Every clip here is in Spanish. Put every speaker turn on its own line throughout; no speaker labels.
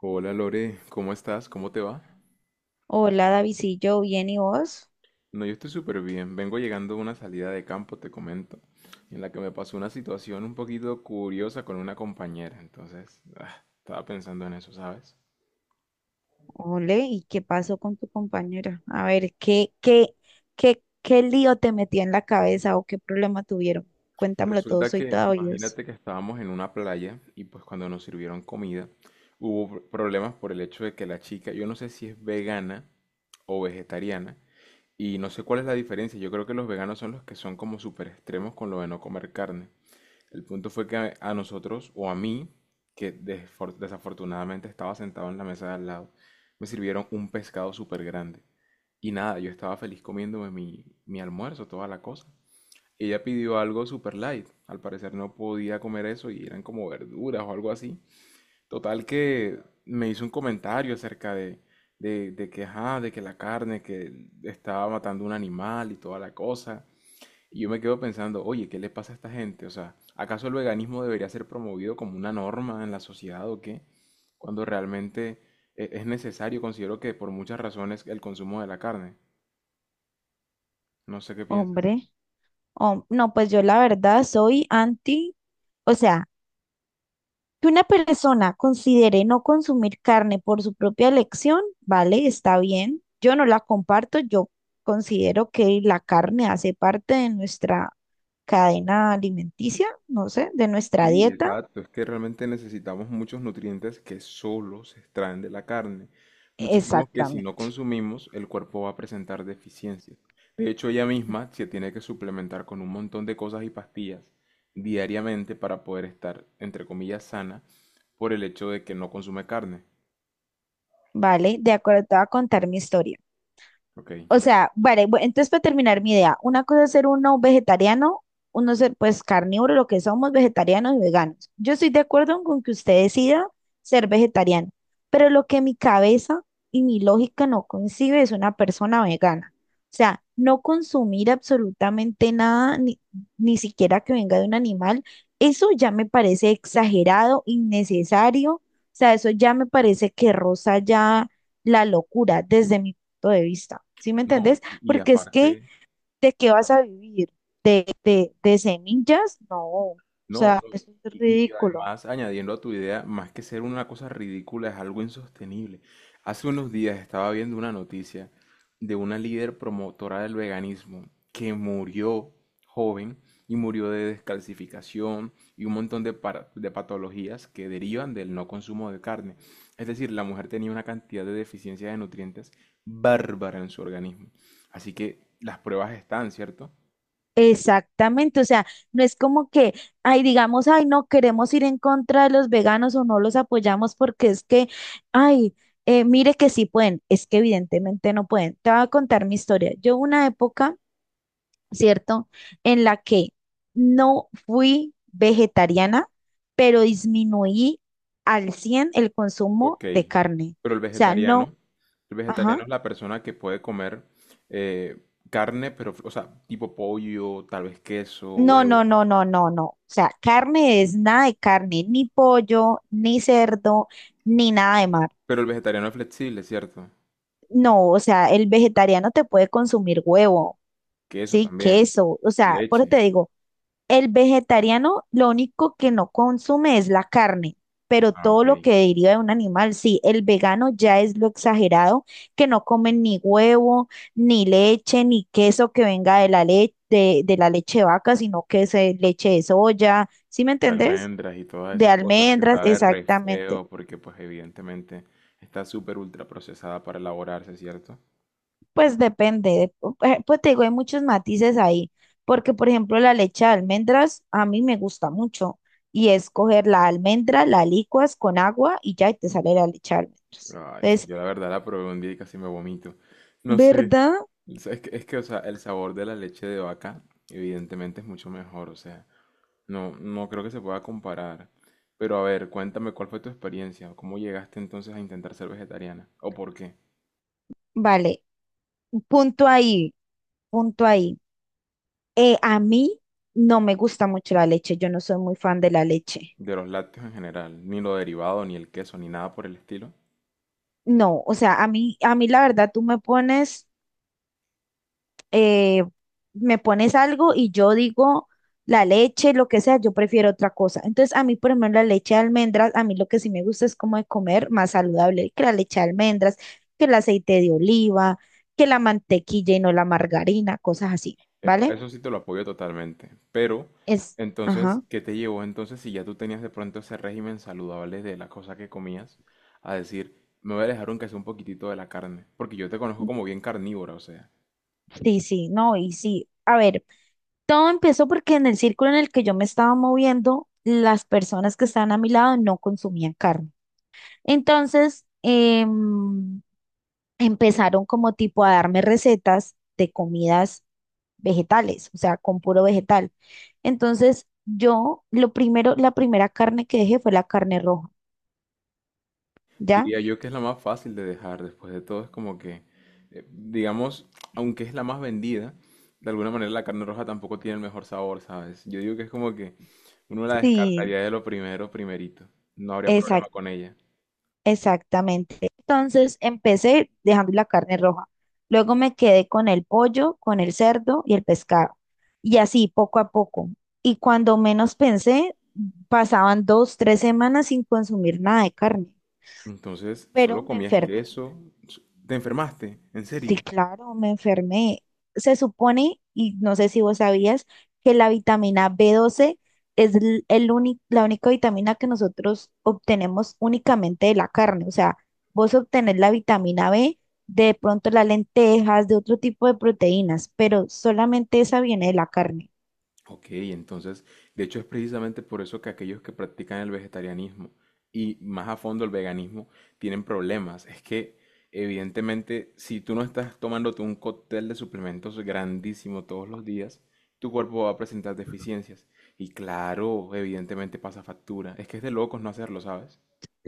Hola Lore, ¿cómo estás? ¿Cómo te va?
Hola, David, sí, yo, ¿bien y vos?
No, yo estoy súper bien. Vengo llegando de una salida de campo, te comento, en la que me pasó una situación un poquito curiosa con una compañera. Entonces, estaba pensando en eso, ¿sabes?
Ole, ¿y qué pasó con tu compañera? A ver, ¿qué lío te metió en la cabeza o qué problema tuvieron? Cuéntamelo todo,
Resulta
soy
que,
toda oídos.
imagínate que estábamos en una playa y pues cuando nos sirvieron comida, hubo problemas por el hecho de que la chica, yo no sé si es vegana o vegetariana, y no sé cuál es la diferencia. Yo creo que los veganos son los que son como súper extremos con lo de no comer carne. El punto fue que a nosotros, o a mí, que desafortunadamente estaba sentado en la mesa de al lado, me sirvieron un pescado súper grande. Y nada, yo estaba feliz comiéndome mi almuerzo, toda la cosa. Ella pidió algo super light. Al parecer no podía comer eso y eran como verduras o algo así. Total que me hizo un comentario acerca de que, ajá, de que la carne que estaba matando un animal y toda la cosa. Y yo me quedo pensando, oye, ¿qué le pasa a esta gente? O sea, ¿acaso el veganismo debería ser promovido como una norma en la sociedad o qué? Cuando realmente es necesario, considero que por muchas razones, el consumo de la carne. No sé qué piensas.
Hombre, no, pues yo la verdad soy anti, o sea, que una persona considere no consumir carne por su propia elección, vale, está bien. Yo no la comparto, yo considero que la carne hace parte de nuestra cadena alimenticia, no sé, de nuestra
Sí,
dieta.
exacto. Es que realmente necesitamos muchos nutrientes que solo se extraen de la carne. Muchísimos que si no
Exactamente.
consumimos, el cuerpo va a presentar deficiencias. De hecho, ella misma se tiene que suplementar con un montón de cosas y pastillas diariamente para poder estar, entre comillas, sana por el hecho de que no consume carne.
Vale, de acuerdo, te voy a contar mi historia.
Ok.
O sea, vale, entonces para terminar mi idea, una cosa es ser uno vegetariano, uno ser pues carnívoro, lo que somos vegetarianos y veganos. Yo estoy de acuerdo con que usted decida ser vegetariano, pero lo que mi cabeza y mi lógica no concibe es una persona vegana. O sea, no consumir absolutamente nada, ni siquiera que venga de un animal, eso ya me parece exagerado, innecesario. O sea, eso ya me parece que roza ya la locura desde mi punto de vista, ¿sí me
No,
entendés?
y
Porque es que,
aparte...
¿de qué vas a vivir? ¿De semillas? No, o
No,
sea,
no,
eso es
y, y
ridículo.
además añadiendo a tu idea, más que ser una cosa ridícula, es algo insostenible. Hace unos días estaba viendo una noticia de una líder promotora del veganismo que murió joven y murió de descalcificación y un montón de, de patologías que derivan del no consumo de carne. Es decir, la mujer tenía una cantidad de deficiencia de nutrientes bárbara en su organismo. Así que las pruebas están, ¿cierto?
Exactamente, o sea, no es como que, ay, digamos, ay, no queremos ir en contra de los veganos o no los apoyamos porque es que, ay, mire que sí pueden, es que evidentemente no pueden. Te voy a contar mi historia. Yo una época, ¿cierto? En la que no fui vegetariana, pero disminuí al 100 el consumo
Ok,
de carne.
pero el
O sea, no,
vegetariano, el vegetariano
ajá,
es la persona que puede comer eh, carne, pero, o sea, tipo pollo, tal vez queso,
no, no,
huevo.
no, no, no, no. O sea, carne es nada de carne, ni pollo, ni cerdo, ni nada de mar.
Pero el vegetariano es flexible, ¿cierto?
No, o sea, el vegetariano te puede consumir huevo,
Queso
sí,
también,
queso, o sea, por eso te
leche.
digo, el vegetariano lo único que no consume es la carne, pero
Ah,
todo
ok.
lo
De
que deriva de un animal, sí, el vegano ya es lo exagerado, que no comen ni huevo, ni leche, ni queso que venga de la leche, de la leche de vaca, sino que es leche de soya, ¿sí me entendés?
almendras y todas
De
esas cosas que
almendras,
sabe re
exactamente.
feo, porque pues evidentemente está súper ultra procesada para elaborarse, ¿cierto?
Pues depende, pues te digo, hay muchos matices ahí, porque por ejemplo la leche de almendras a mí me gusta mucho y es coger la almendra, la licuas con agua y ya y te sale la leche de almendras.
Ay,
Entonces,
yo la verdad la probé un día y casi me vomito. No sé.
¿verdad?
Es que, o sea, el sabor de la leche de vaca evidentemente es mucho mejor, o sea, no creo que se pueda comparar. Pero a ver, cuéntame cuál fue tu experiencia, cómo llegaste entonces a intentar ser vegetariana, o por qué,
Vale, punto ahí, punto ahí. A mí no me gusta mucho la leche, yo no soy muy fan de la leche.
de los lácteos en general, ni lo derivado, ni el queso, ni nada por el estilo.
No, o sea, a mí la verdad tú eh, me pones algo y yo digo la leche, lo que sea, yo prefiero otra cosa. Entonces, a mí, por ejemplo, la leche de almendras, a mí lo que sí me gusta es como de comer más saludable que la leche de almendras, que el aceite de oliva, que la mantequilla y no la margarina, cosas así,
Epa,
¿vale?
eso sí te lo apoyo totalmente, pero
Es, ajá,
entonces, ¿qué te llevó entonces si ya tú tenías de pronto ese régimen saludable de la cosa que comías, a decir, me voy a dejar un queso un poquitito de la carne, porque yo te conozco como bien carnívora, o sea.
sí, sí, no, y sí. A ver, todo empezó porque en el círculo en el que yo me estaba moviendo, las personas que estaban a mi lado no consumían carne. Entonces, empezaron como tipo a darme recetas de comidas vegetales, o sea, con puro vegetal. Entonces, yo lo primero, la primera carne que dejé fue la carne roja, ¿ya?
Diría yo que es la más fácil de dejar, después de todo es como que, digamos, aunque es la más vendida, de alguna manera la carne roja tampoco tiene el mejor sabor, ¿sabes? Yo digo que es como que uno la
Sí,
descartaría de lo primero, primerito, no habría problema
exact-
con ella.
exactamente. Entonces, empecé dejando la carne roja. Luego me quedé con el pollo, con el cerdo y el pescado. Y así, poco a poco. Y cuando menos pensé, pasaban dos, tres semanas sin consumir nada de carne,
Entonces,
pero
solo
me
comías
enfermé.
queso, s- te enfermaste, en
Sí,
serio.
claro, me enfermé. Se supone, y no sé si vos sabías, que la vitamina B12 es el único, la única vitamina que nosotros obtenemos únicamente de la carne. O sea, vos obtenés la vitamina B de pronto las lentejas, de otro tipo de proteínas, pero solamente esa viene de la carne.
Ok, entonces, de hecho es precisamente por eso que aquellos que practican el vegetarianismo y más a fondo el veganismo tienen problemas. Es que, evidentemente, si tú no estás tomándote un cóctel de suplementos grandísimo todos los días, tu cuerpo va a presentar deficiencias. Y claro, evidentemente pasa factura. Es que es de locos no hacerlo, ¿sabes?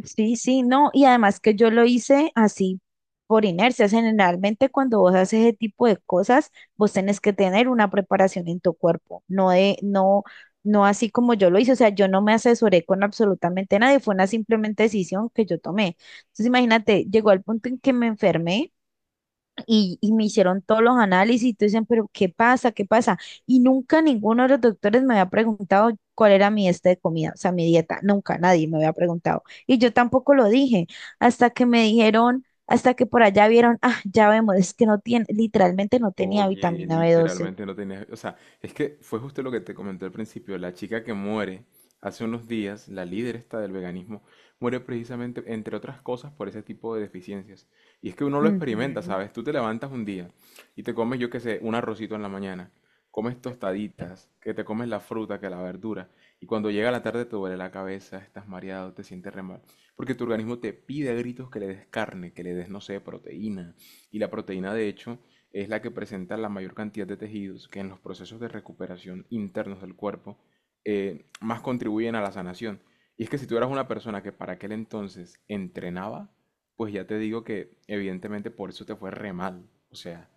Sí, sí, no, y además que yo lo hice así por inercia. Generalmente cuando vos haces ese tipo de cosas, vos tenés que tener una preparación en tu cuerpo, no de, no, no así como yo lo hice. O sea, yo no me asesoré con absolutamente nadie, fue una simplemente decisión que yo tomé. Entonces, imagínate, llegó al punto en que me enfermé. Y me hicieron todos los análisis y tú dicen, pero ¿qué pasa? ¿Qué pasa? Y nunca ninguno de los doctores me había preguntado cuál era mi este de comida, o sea, mi dieta. Nunca nadie me había preguntado. Y yo tampoco lo dije hasta que me dijeron, hasta que por allá vieron, ah, ya vemos, es que no tiene, literalmente no tenía
Oye,
vitamina B12.
literalmente no tenía... O sea, es que fue justo lo que te comenté al principio. La chica que muere hace unos días, la líder esta del veganismo, muere precisamente, entre otras cosas, por ese tipo de deficiencias. Y es que uno lo experimenta,
Ujú.
¿sabes? Tú te levantas un día y te comes, yo qué sé, un arrocito en la mañana, comes tostaditas, que te comes la fruta, que la verdura, y cuando llega la tarde te duele la cabeza, estás mareado, te sientes re mal. Porque tu organismo te pide a gritos que le des carne, que le des, no sé, proteína. Y la proteína, de hecho es la que presenta la mayor cantidad de tejidos que en los procesos de recuperación internos del cuerpo más contribuyen a la sanación. Y es que si tú eras una persona que para aquel entonces entrenaba, pues ya te digo que evidentemente por eso te fue re mal. O sea,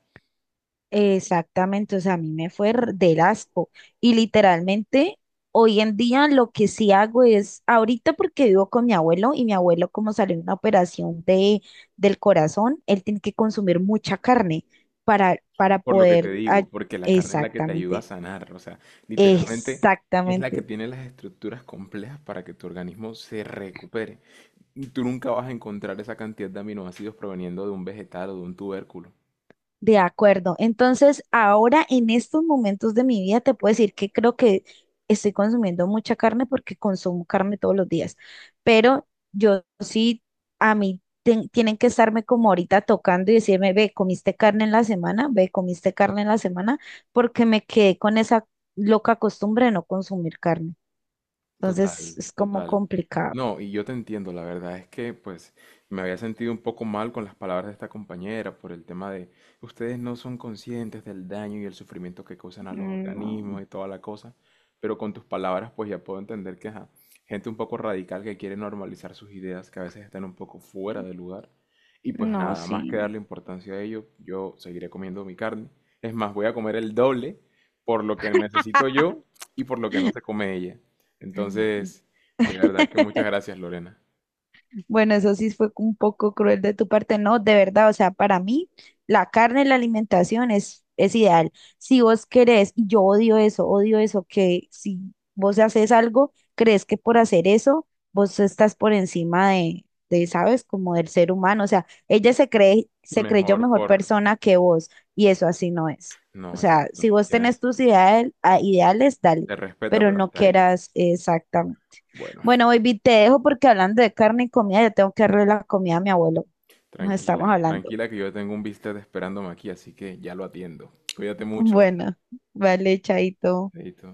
Exactamente, o sea, a mí me fue del asco. Y literalmente, hoy en día lo que sí hago es, ahorita porque vivo con mi abuelo y mi abuelo como salió en una operación del corazón, él tiene que consumir mucha carne para
por lo que te
poder.
digo, porque la carne es la que te ayuda a
Exactamente,
sanar. O sea, literalmente es la que
exactamente.
tiene las estructuras complejas para que tu organismo se recupere. Y tú nunca vas a encontrar esa cantidad de aminoácidos proveniendo de un vegetal o de un tubérculo.
De acuerdo. Entonces, ahora en estos momentos de mi vida te puedo decir que creo que estoy consumiendo mucha carne porque consumo carne todos los días. Pero yo sí, a mí tienen que estarme como ahorita tocando y decirme, ve, comiste carne en la semana, ve, comiste carne en la semana, porque me quedé con esa loca costumbre de no consumir carne. Entonces,
Total,
es como
total.
complicado.
No, y yo te entiendo, la verdad es que pues me había sentido un poco mal con las palabras de esta compañera por el tema de ustedes no son conscientes del daño y el sufrimiento que causan a los organismos
Mm.
y toda la cosa, pero con tus palabras pues ya puedo entender que ajá, gente un poco radical que quiere normalizar sus ideas que a veces están un poco fuera de lugar y
No,
pues
no,
nada, más que
sí.
darle importancia a ello, yo seguiré comiendo mi carne. Es más, voy a comer el doble por lo que necesito yo y por lo que no se come ella. Entonces, de verdad que muchas gracias, Lorena.
Bueno, eso sí fue un poco cruel de tu parte, no, de verdad, o sea, para mí la carne, la alimentación es ideal. Si vos querés, y yo odio eso, que si vos haces algo, crees que por hacer eso, vos estás por encima de, ¿sabes? Como del ser humano, o sea, ella se cree, se creyó
Mejor
mejor
por...
persona que vos, y eso así no es. O
No,
sea, si
exacto.
vos tenés
Tienes...
tus ideales, dale,
Te respeta,
pero
pero
no
está ahí.
quieras exactamente.
Bueno,
Bueno, baby, te dejo porque hablando de carne y comida, yo tengo que darle la comida a mi abuelo. Nos estamos
tranquila,
hablando.
tranquila que yo tengo un bistec esperándome aquí, así que ya lo atiendo. Cuídate mucho,
Bueno, vale, chaito.
Chaito.